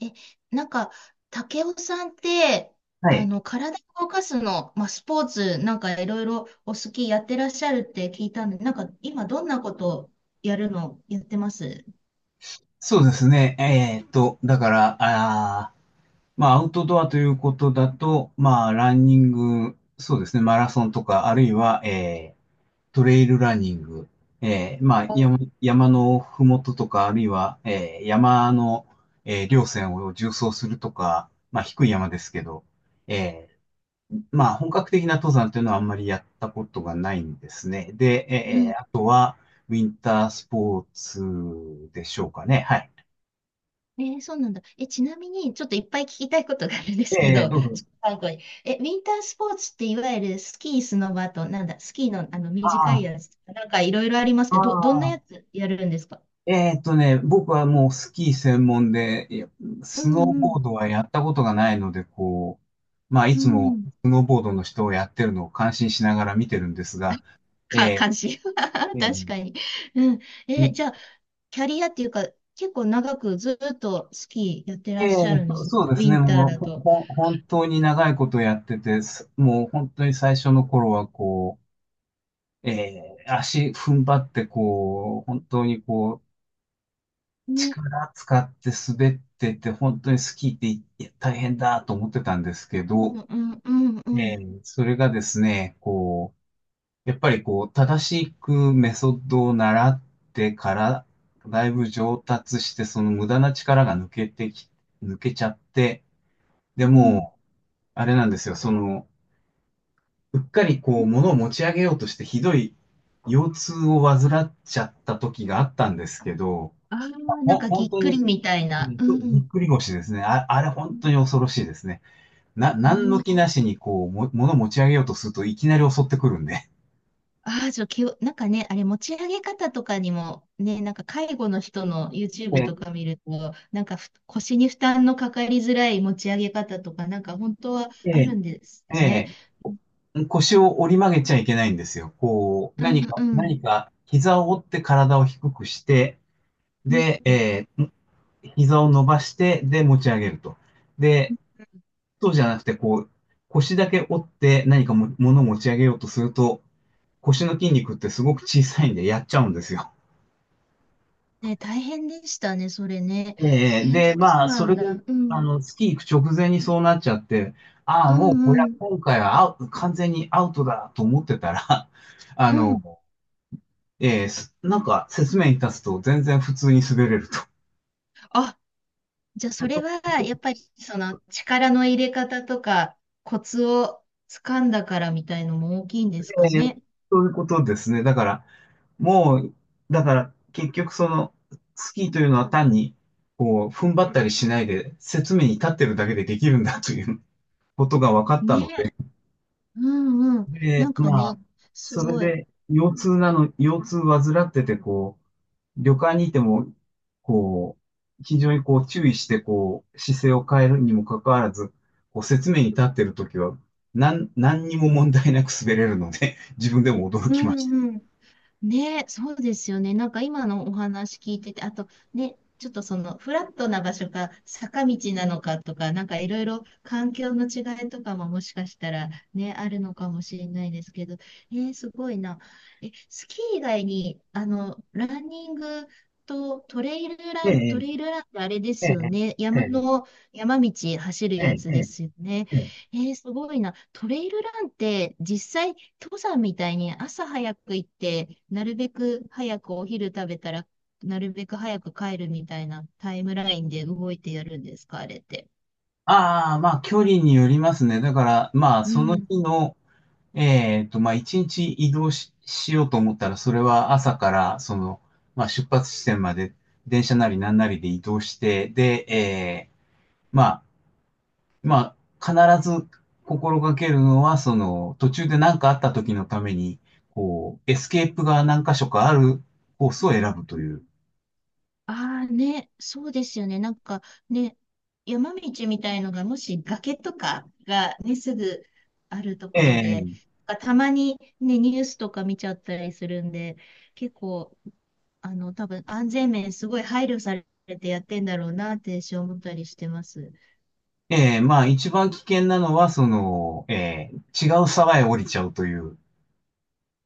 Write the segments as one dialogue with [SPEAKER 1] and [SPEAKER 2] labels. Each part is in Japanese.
[SPEAKER 1] え、なんか、竹雄さんって、
[SPEAKER 2] はい。
[SPEAKER 1] 体を動かすの、まあ、スポーツ、なんかいろいろお好きやってらっしゃるって聞いたんで、なんか今どんなことやるのやってます？
[SPEAKER 2] そうですね。だから、まあ、アウトドアということだと、まあ、ランニング、そうですね、マラソンとか、あるいは、トレイルランニング、まあ、
[SPEAKER 1] お
[SPEAKER 2] 山のふもととか、あるいは、山の、稜線を縦走するとか、まあ、低い山ですけど、えまあ、本格的な登山というのはあんまりやったことがないんですね。で、
[SPEAKER 1] うん。
[SPEAKER 2] あとは、ウィンタースポーツでしょうかね。はい。
[SPEAKER 1] えーそうなんだ。え、ちなみに、ちょっといっぱい聞きたいことがあるんですけ
[SPEAKER 2] ええ、
[SPEAKER 1] ど、
[SPEAKER 2] どうぞ。
[SPEAKER 1] 最後に。え、ウィンタースポーツっていわゆるスキー、スノバと、なんだ、スキーの、
[SPEAKER 2] あ
[SPEAKER 1] 短い
[SPEAKER 2] あ、
[SPEAKER 1] やつとか、なんかいろいろあります
[SPEAKER 2] あ
[SPEAKER 1] けど、どんなや
[SPEAKER 2] あ、
[SPEAKER 1] つやるんですか？
[SPEAKER 2] 僕はもうスキー専門で、いや
[SPEAKER 1] う
[SPEAKER 2] スノー
[SPEAKER 1] んう
[SPEAKER 2] ボ
[SPEAKER 1] ん。
[SPEAKER 2] ードはやったことがないので、こう、まあ、い
[SPEAKER 1] う
[SPEAKER 2] つも
[SPEAKER 1] ん。
[SPEAKER 2] スノーボードの人をやってるのを感心しながら見てるんですが、え
[SPEAKER 1] 関心。
[SPEAKER 2] ーえ
[SPEAKER 1] 確
[SPEAKER 2] ー
[SPEAKER 1] かに。うん。
[SPEAKER 2] う
[SPEAKER 1] え、
[SPEAKER 2] ん
[SPEAKER 1] じゃあ、キャリアっていうか、結構長くずっとスキーやってらっしゃるんで
[SPEAKER 2] そう
[SPEAKER 1] すね。
[SPEAKER 2] そうで
[SPEAKER 1] ウ
[SPEAKER 2] す
[SPEAKER 1] ィ
[SPEAKER 2] ね、
[SPEAKER 1] ンター
[SPEAKER 2] もう
[SPEAKER 1] だと。
[SPEAKER 2] 本当に長いことやってて、もう本当に最初の頃はこう、足踏ん張ってこう、本当にこ
[SPEAKER 1] ね。
[SPEAKER 2] 力使って滑ってて、本当にスキーっていや大変だと思ってたんですけど、
[SPEAKER 1] うん、うん、うん、うん。
[SPEAKER 2] それがですね、こう、やっぱりこう、正しくメソッドを習ってから、だいぶ上達して、その無駄な力が抜けちゃって、で
[SPEAKER 1] うん。
[SPEAKER 2] もう、あれなんですよ、その、うっかりこう、物を持ち上げようとして、ひどい腰痛を患っちゃった時があったんですけど、
[SPEAKER 1] ああ、なんか
[SPEAKER 2] 本
[SPEAKER 1] ぎっ
[SPEAKER 2] 当
[SPEAKER 1] くり
[SPEAKER 2] に
[SPEAKER 1] みたいな。う
[SPEAKER 2] ぎっ
[SPEAKER 1] ん。
[SPEAKER 2] くり腰ですね。あ、あれ本当に恐ろしいですね。
[SPEAKER 1] う
[SPEAKER 2] 何の気
[SPEAKER 1] ん。
[SPEAKER 2] なしにこう、物持ち上げようとするといきなり襲ってくるんで。
[SPEAKER 1] ああ、気を、なんかね、あれ、持ち上げ方とかにも、ね、なんか介護の人の
[SPEAKER 2] え
[SPEAKER 1] YouTube と
[SPEAKER 2] え、
[SPEAKER 1] か見ると、なんか腰に負担のかかりづらい持ち上げ方とか、なんか本当は
[SPEAKER 2] え
[SPEAKER 1] ある
[SPEAKER 2] え、
[SPEAKER 1] んですってね。
[SPEAKER 2] ええ腰を折り曲げちゃいけないんですよ。こう、
[SPEAKER 1] うんうん。
[SPEAKER 2] 何か、膝を折って体を低くして、
[SPEAKER 1] うん
[SPEAKER 2] で、ええ、膝を伸ばして、で、持ち上げると。で、そうじゃなくて、こう、腰だけ折って何かも、物を持ち上げようとすると、腰の筋肉ってすごく小さいんでやっちゃうんですよ。
[SPEAKER 1] ね、大変でしたね、それね。えー
[SPEAKER 2] で、
[SPEAKER 1] そう
[SPEAKER 2] まあ、
[SPEAKER 1] な
[SPEAKER 2] そ
[SPEAKER 1] ん
[SPEAKER 2] れで、
[SPEAKER 1] だ。うん、
[SPEAKER 2] あ
[SPEAKER 1] うん、
[SPEAKER 2] の、月行く直前にそうなっちゃって、ああ、
[SPEAKER 1] う
[SPEAKER 2] もうこれは
[SPEAKER 1] ん、
[SPEAKER 2] 今回は完全にアウトだと思ってたら、あ
[SPEAKER 1] う
[SPEAKER 2] の、
[SPEAKER 1] ん。
[SPEAKER 2] ええすなんか説明に立つと全然普通に滑れると。
[SPEAKER 1] あ、じゃあ
[SPEAKER 2] え
[SPEAKER 1] そ
[SPEAKER 2] っ
[SPEAKER 1] れ
[SPEAKER 2] と
[SPEAKER 1] は、やっぱり、力の入れ方とか、コツを掴んだからみたいのも大きいんですか
[SPEAKER 2] ええ
[SPEAKER 1] ね。
[SPEAKER 2] そういうことですね。だから、もう、だから結局その、スキーというのは単に、こう、踏ん張ったりしないで、説明に立ってるだけでできるんだということが分かったので、
[SPEAKER 1] ね、うん、うん。なんかね、
[SPEAKER 2] まあ、
[SPEAKER 1] す
[SPEAKER 2] それ
[SPEAKER 1] ごい。
[SPEAKER 2] で、腰痛患ってて、こう、旅館にいても、こう、非常にこう、注意して、こう、姿勢を変えるにもかかわらず、こう、説明に立ってるときは、何にも問題なく滑れるので、自分でも驚
[SPEAKER 1] う
[SPEAKER 2] きました。
[SPEAKER 1] ん、うん。ね、そうですよね。なんか今のお話聞いてて、あとね、ちょっとそのフラットな場所か坂道なのかとか、なんかいろいろ環境の違いとかももしかしたらね、あるのかもしれないですけど、えー、すごいな。え、スキー以外に、ランニングとトレイル
[SPEAKER 2] え
[SPEAKER 1] ラン、ト
[SPEAKER 2] え、
[SPEAKER 1] レイルランってあれで
[SPEAKER 2] え
[SPEAKER 1] すよ
[SPEAKER 2] え、
[SPEAKER 1] ね。
[SPEAKER 2] ええ、
[SPEAKER 1] 山道走る
[SPEAKER 2] え
[SPEAKER 1] や
[SPEAKER 2] え、
[SPEAKER 1] つ
[SPEAKER 2] え
[SPEAKER 1] で
[SPEAKER 2] え、
[SPEAKER 1] すよね。
[SPEAKER 2] ええ。
[SPEAKER 1] えー、すごいな。トレイルランって実際登山みたいに朝早く行って、なるべく早くお昼食べたら、なるべく早く帰るみたいなタイムラインで動いてやるんですか、あれって。
[SPEAKER 2] ああ、まあ、距離によりますね。だから、まあ、
[SPEAKER 1] う
[SPEAKER 2] その
[SPEAKER 1] ん。
[SPEAKER 2] 日の、まあ、一日移動し、しようと思ったら、それは朝から、その、まあ、出発地点まで、電車なりなんなりで移動して、で、まあ、まあ、必ず心がけるのは、その、途中で何かあった時のために、こう、エスケープが何箇所かあるコースを選ぶという。
[SPEAKER 1] ああね、そうですよね。なんかね、山道みたいのがもし崖とかがね、すぐあると
[SPEAKER 2] え
[SPEAKER 1] ころで、
[SPEAKER 2] ー
[SPEAKER 1] たまにね、ニュースとか見ちゃったりするんで、結構、多分安全面すごい配慮されてやってんだろうなって私思ったりしてます。
[SPEAKER 2] まあ、一番危険なのは、その、違う沢へ降りちゃうという。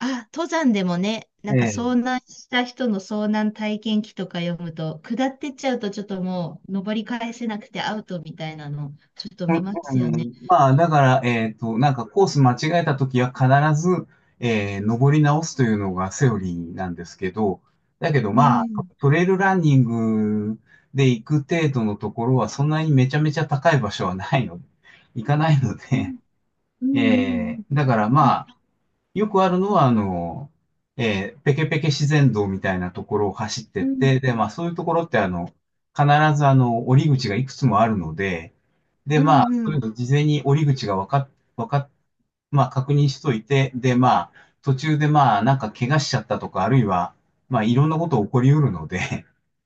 [SPEAKER 1] あ、登山でもね、なんか
[SPEAKER 2] え
[SPEAKER 1] 遭難した人の遭難体験記とか読むと、下ってっちゃうとちょっともう登り返せなくてアウトみたいなの、ちょっと見ま
[SPEAKER 2] う
[SPEAKER 1] すよね。
[SPEAKER 2] ん、まあ、だから、なんかコース間違えたときは必ず、登り直すというのがセオリーなんですけど、だけど
[SPEAKER 1] う
[SPEAKER 2] まあ、
[SPEAKER 1] ん。
[SPEAKER 2] トレイルランニングで行く程度のところはそんなにめちゃめちゃ高い場所はないので、行かないの
[SPEAKER 1] う
[SPEAKER 2] で、
[SPEAKER 1] ん。うん。うん。
[SPEAKER 2] だから
[SPEAKER 1] あ、
[SPEAKER 2] まあ、よくあるのは、あの、ペケペケ自然道みたいなところを走って
[SPEAKER 1] う
[SPEAKER 2] っ
[SPEAKER 1] ん。
[SPEAKER 2] て、で、まあそういうところってあの、必ずあの、折り口がいくつもあるので、で、
[SPEAKER 1] う
[SPEAKER 2] まあ、そういう
[SPEAKER 1] ん。
[SPEAKER 2] の事前に折り口がわかっ、わかっ、まあ、確認しといて、で、まあ、途中でまあ、なんか怪我しちゃったとか、あるいは、まあ、いろんなこと起こりうるので、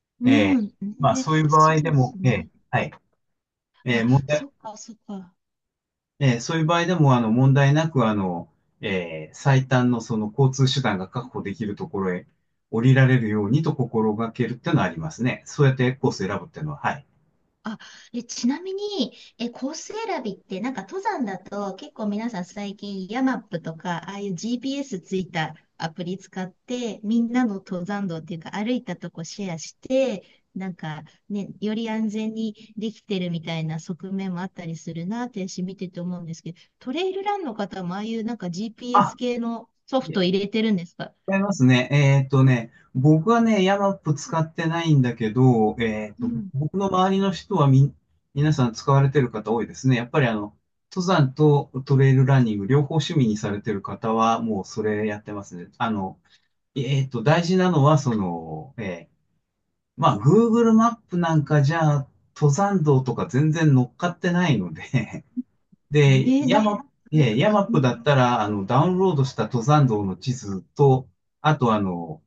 [SPEAKER 1] う
[SPEAKER 2] え
[SPEAKER 1] ん。
[SPEAKER 2] え、
[SPEAKER 1] うん
[SPEAKER 2] まあ、
[SPEAKER 1] ね、
[SPEAKER 2] そういう場
[SPEAKER 1] そう
[SPEAKER 2] 合で
[SPEAKER 1] です
[SPEAKER 2] も、え
[SPEAKER 1] ね。
[SPEAKER 2] え、はい、ええ、
[SPEAKER 1] あ、
[SPEAKER 2] 問題、
[SPEAKER 1] そっか、そっか。
[SPEAKER 2] ええ、そういう場合でも、あの、問題なく、あの、ええ、最短のその交通手段が確保できるところへ降りられるようにと心がけるっていうのはありますね。そうやってコース選ぶっていうのは、はい。
[SPEAKER 1] あ、で、ちなみに、え、コース選びって、なんか登山だと結構皆さん最近ヤマップとか、ああいう GPS ついたアプリ使って、みんなの登山道っていうか歩いたとこシェアして、なんかね、より安全にできてるみたいな側面もあったりするなって私見てて思うんですけど、トレイルランの方もああいうなんか
[SPEAKER 2] あ、
[SPEAKER 1] GPS 系のソフト入れてるんですか？
[SPEAKER 2] 違いますね。僕はね、ヤマップ使ってないんだけど、
[SPEAKER 1] うん。
[SPEAKER 2] 僕の周りの人はみ、皆さん使われてる方多いですね。やっぱりあの、登山とトレイルランニング両方趣味にされてる方はもうそれやってますね。あの、大事なのはその、まあ、Google マップなんかじゃ、登山道とか全然乗っかってないので で、
[SPEAKER 1] ね、なんか、う
[SPEAKER 2] ヤマッ
[SPEAKER 1] う
[SPEAKER 2] プだ
[SPEAKER 1] ん。
[SPEAKER 2] ったら、あの、ダウンロードした登山道の地図と、あとあの、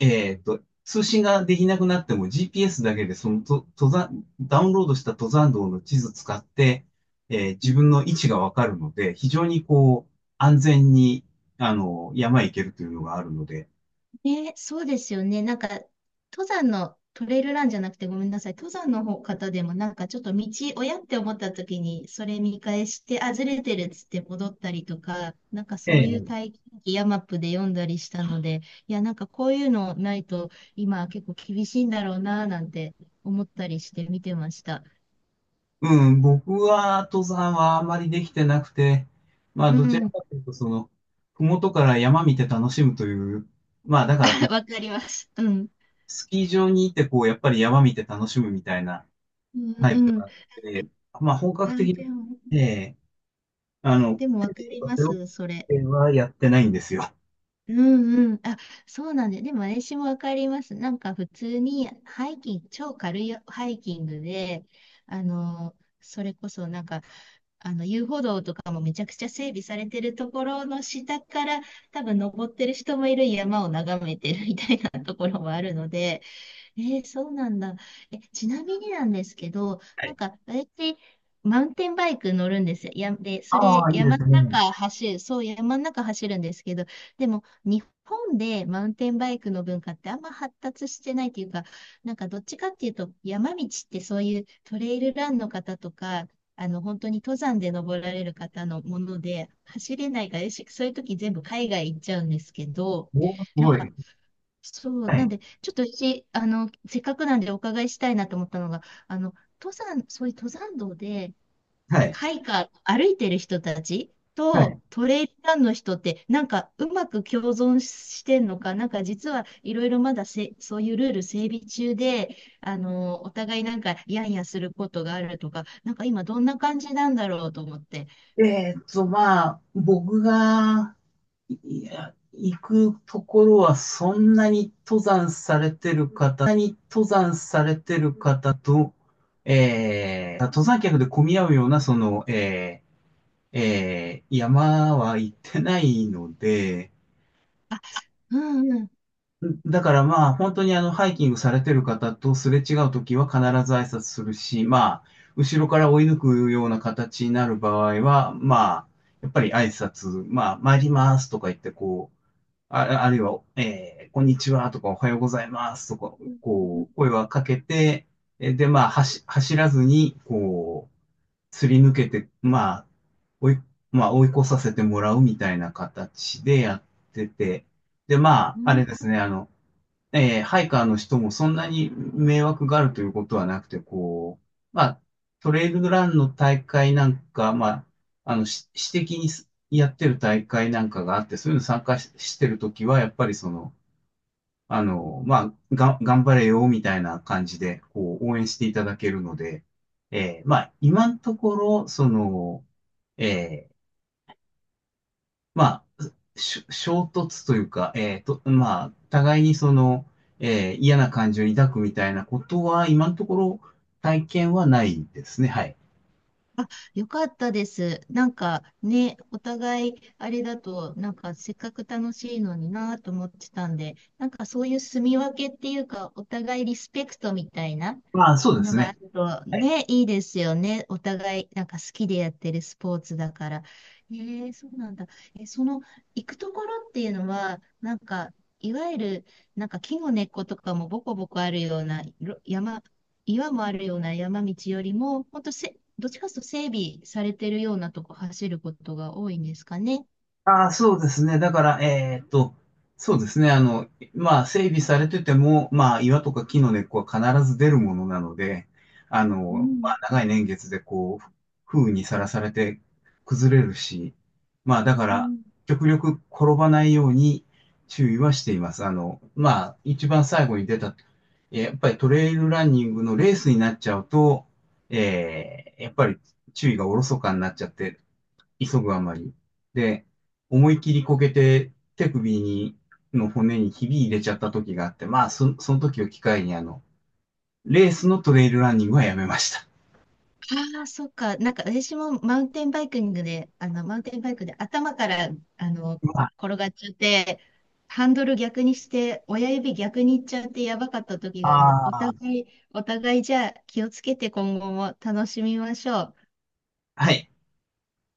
[SPEAKER 2] 通信ができなくなっても GPS だけでそのと登山、ダウンロードした登山道の地図使って、自分の位置がわかるので、非常にこう、安全に、あの、山へ行けるというのがあるので、
[SPEAKER 1] ね、そうですよね。なんか、登山のトレイルランじゃなくてごめんなさい。登山の方方でもなんかちょっと道、親って思った時に、それ見返して、あ、ずれてるっつって戻ったりとか、なんか
[SPEAKER 2] え
[SPEAKER 1] そういう
[SPEAKER 2] え、
[SPEAKER 1] 体験記、ヤマップで読んだりしたので、いや、なんかこういうのないと、今結構厳しいんだろうな、なんて思ったりして見てました。
[SPEAKER 2] うん、僕は登山はあまりできてなくて、まあ、
[SPEAKER 1] う
[SPEAKER 2] どちら
[SPEAKER 1] ん、
[SPEAKER 2] かというと、その、ふもとから山見て楽しむという、まあ、だから 結局、
[SPEAKER 1] わかります。うん。
[SPEAKER 2] スキー場に行って、こう、やっぱり山見て楽しむみたいな
[SPEAKER 1] うん、
[SPEAKER 2] タ
[SPEAKER 1] う
[SPEAKER 2] イプ
[SPEAKER 1] ん。
[SPEAKER 2] があって、まあ、本格
[SPEAKER 1] あ、
[SPEAKER 2] 的な、
[SPEAKER 1] でも、
[SPEAKER 2] ええあの、
[SPEAKER 1] わかりま
[SPEAKER 2] 背ロ
[SPEAKER 1] す、それ。
[SPEAKER 2] っはやってないんですよ。
[SPEAKER 1] うんうん。あ、そうなんで、でも私もわかります。なんか普通にハイキング、超軽いハイキングで、それこそなんか、遊歩道とかもめちゃくちゃ整備されてるところの下から、多分登ってる人もいる山を眺めてるみたいなところもあるので、えー、そうなんだ。え、ちなみになんですけど、
[SPEAKER 2] は
[SPEAKER 1] な
[SPEAKER 2] い。
[SPEAKER 1] んか、私マウンテンバイク乗るんですよ。や、で、そ
[SPEAKER 2] あ
[SPEAKER 1] れ、
[SPEAKER 2] あ、いいで
[SPEAKER 1] 山の
[SPEAKER 2] すね。
[SPEAKER 1] 中走る、そう、山の中走るんですけど、でも、日本でマウンテンバイクの文化ってあんま発達してないというか、なんか、どっちかっていうと、山道ってそういうトレイルランの方とか、本当に登山で登られる方のもので、走れないから、よしそういう時全部海外行っちゃうんですけど、
[SPEAKER 2] おーすごい。
[SPEAKER 1] そう、
[SPEAKER 2] は
[SPEAKER 1] な
[SPEAKER 2] い。
[SPEAKER 1] んで、ちょっとし、せっかくなんでお伺いしたいなと思ったのが、登山、そういう登山道で、
[SPEAKER 2] はい。
[SPEAKER 1] ハイカー、歩いてる人たち
[SPEAKER 2] はい。
[SPEAKER 1] とトレイルランの人って、なんかうまく共存してんのか、なんか実はいろいろまだせ、そういうルール整備中で、お互いなんかやんやすることがあるとか、なんか今どんな感じなんだろうと思って。
[SPEAKER 2] まあ、僕が、いや、行くところは、そんなに登山されてる方と、登山客で混み合うような、その、山は行ってないので、
[SPEAKER 1] あ、うんうん。
[SPEAKER 2] だからまあ、本当にあの、ハイキングされてる方とすれ違うときは必ず挨拶するし、まあ、後ろから追い抜くような形になる場合は、まあ、やっぱり挨拶、まあ、参りますとか言って、こう、あるいは、こんにちはとか、おはようございますとか、
[SPEAKER 1] うん
[SPEAKER 2] こう、声はかけて、まあ、走らずに、こう、すり抜けて、まあ、追い、まあ、追い越させてもらうみたいな形でやってて、で、ま
[SPEAKER 1] う
[SPEAKER 2] あ、あ
[SPEAKER 1] ん。
[SPEAKER 2] れですね、あの、ハイカーの人もそんなに迷惑があるということはなくて、こう、まあ、トレイルランの大会なんか、まあ、あの、私的にやってる大会なんかがあって、そういうの参加し、してるときは、やっぱりその、あの、まあ、頑張れよ、みたいな感じで、こう、応援していただけるので、まあ、今のところ、その、えーまあ、衝突というか、まあ、互いにその、嫌な感情を抱くみたいなことは、今のところ体験はないですね。はい。
[SPEAKER 1] よかったです。なんかね、お互いあれだと、なんかせっかく楽しいのになぁと思ってたんで、なんかそういう住み分けっていうか、お互いリスペクトみたいな、
[SPEAKER 2] まあ、そうで
[SPEAKER 1] の
[SPEAKER 2] すね。
[SPEAKER 1] が
[SPEAKER 2] は
[SPEAKER 1] あ
[SPEAKER 2] い。
[SPEAKER 1] るとね、いいですよね。お互い、なんか好きでやってるスポーツだから。えー、そうなんだ。え、その、行くところっていうのは、なんか、いわゆる、なんか木の根っことかもボコボコあるような、岩もあるような山道よりも、ほんとせ、どっちかというと整備されてるようなとこ走ることが多いんですかね。
[SPEAKER 2] ああ、そうですね。だから、そうですね。あの、まあ、整備されてても、まあ、岩とか木の根っこは必ず出るものなので、あ
[SPEAKER 1] う
[SPEAKER 2] の、ま
[SPEAKER 1] ん。
[SPEAKER 2] あ、長い年月でこう、風雨にさらされて崩れるし、まあ、だか
[SPEAKER 1] う
[SPEAKER 2] ら、
[SPEAKER 1] ん
[SPEAKER 2] 極力転ばないように注意はしています。あの、まあ、一番最後に出た、やっぱりトレイルランニングのレースになっちゃうと、やっぱり注意がおろそかになっちゃって、急ぐあまり。で、思い切りこけて手首に、の骨にひび入れちゃった時があって、まあ、その時を機会に、あの、レースのトレイルランニングはやめました。
[SPEAKER 1] ああ、そっか。なんか私もマウンテンバイキングで、マウンテンバイクで頭から、あの、
[SPEAKER 2] まあ、
[SPEAKER 1] 転がっちゃって、ハンドル逆にして、親指逆にいっちゃってやばかった時があるね。
[SPEAKER 2] ああ。
[SPEAKER 1] お互いじゃあ気をつけて今後も楽しみましょう。
[SPEAKER 2] はい。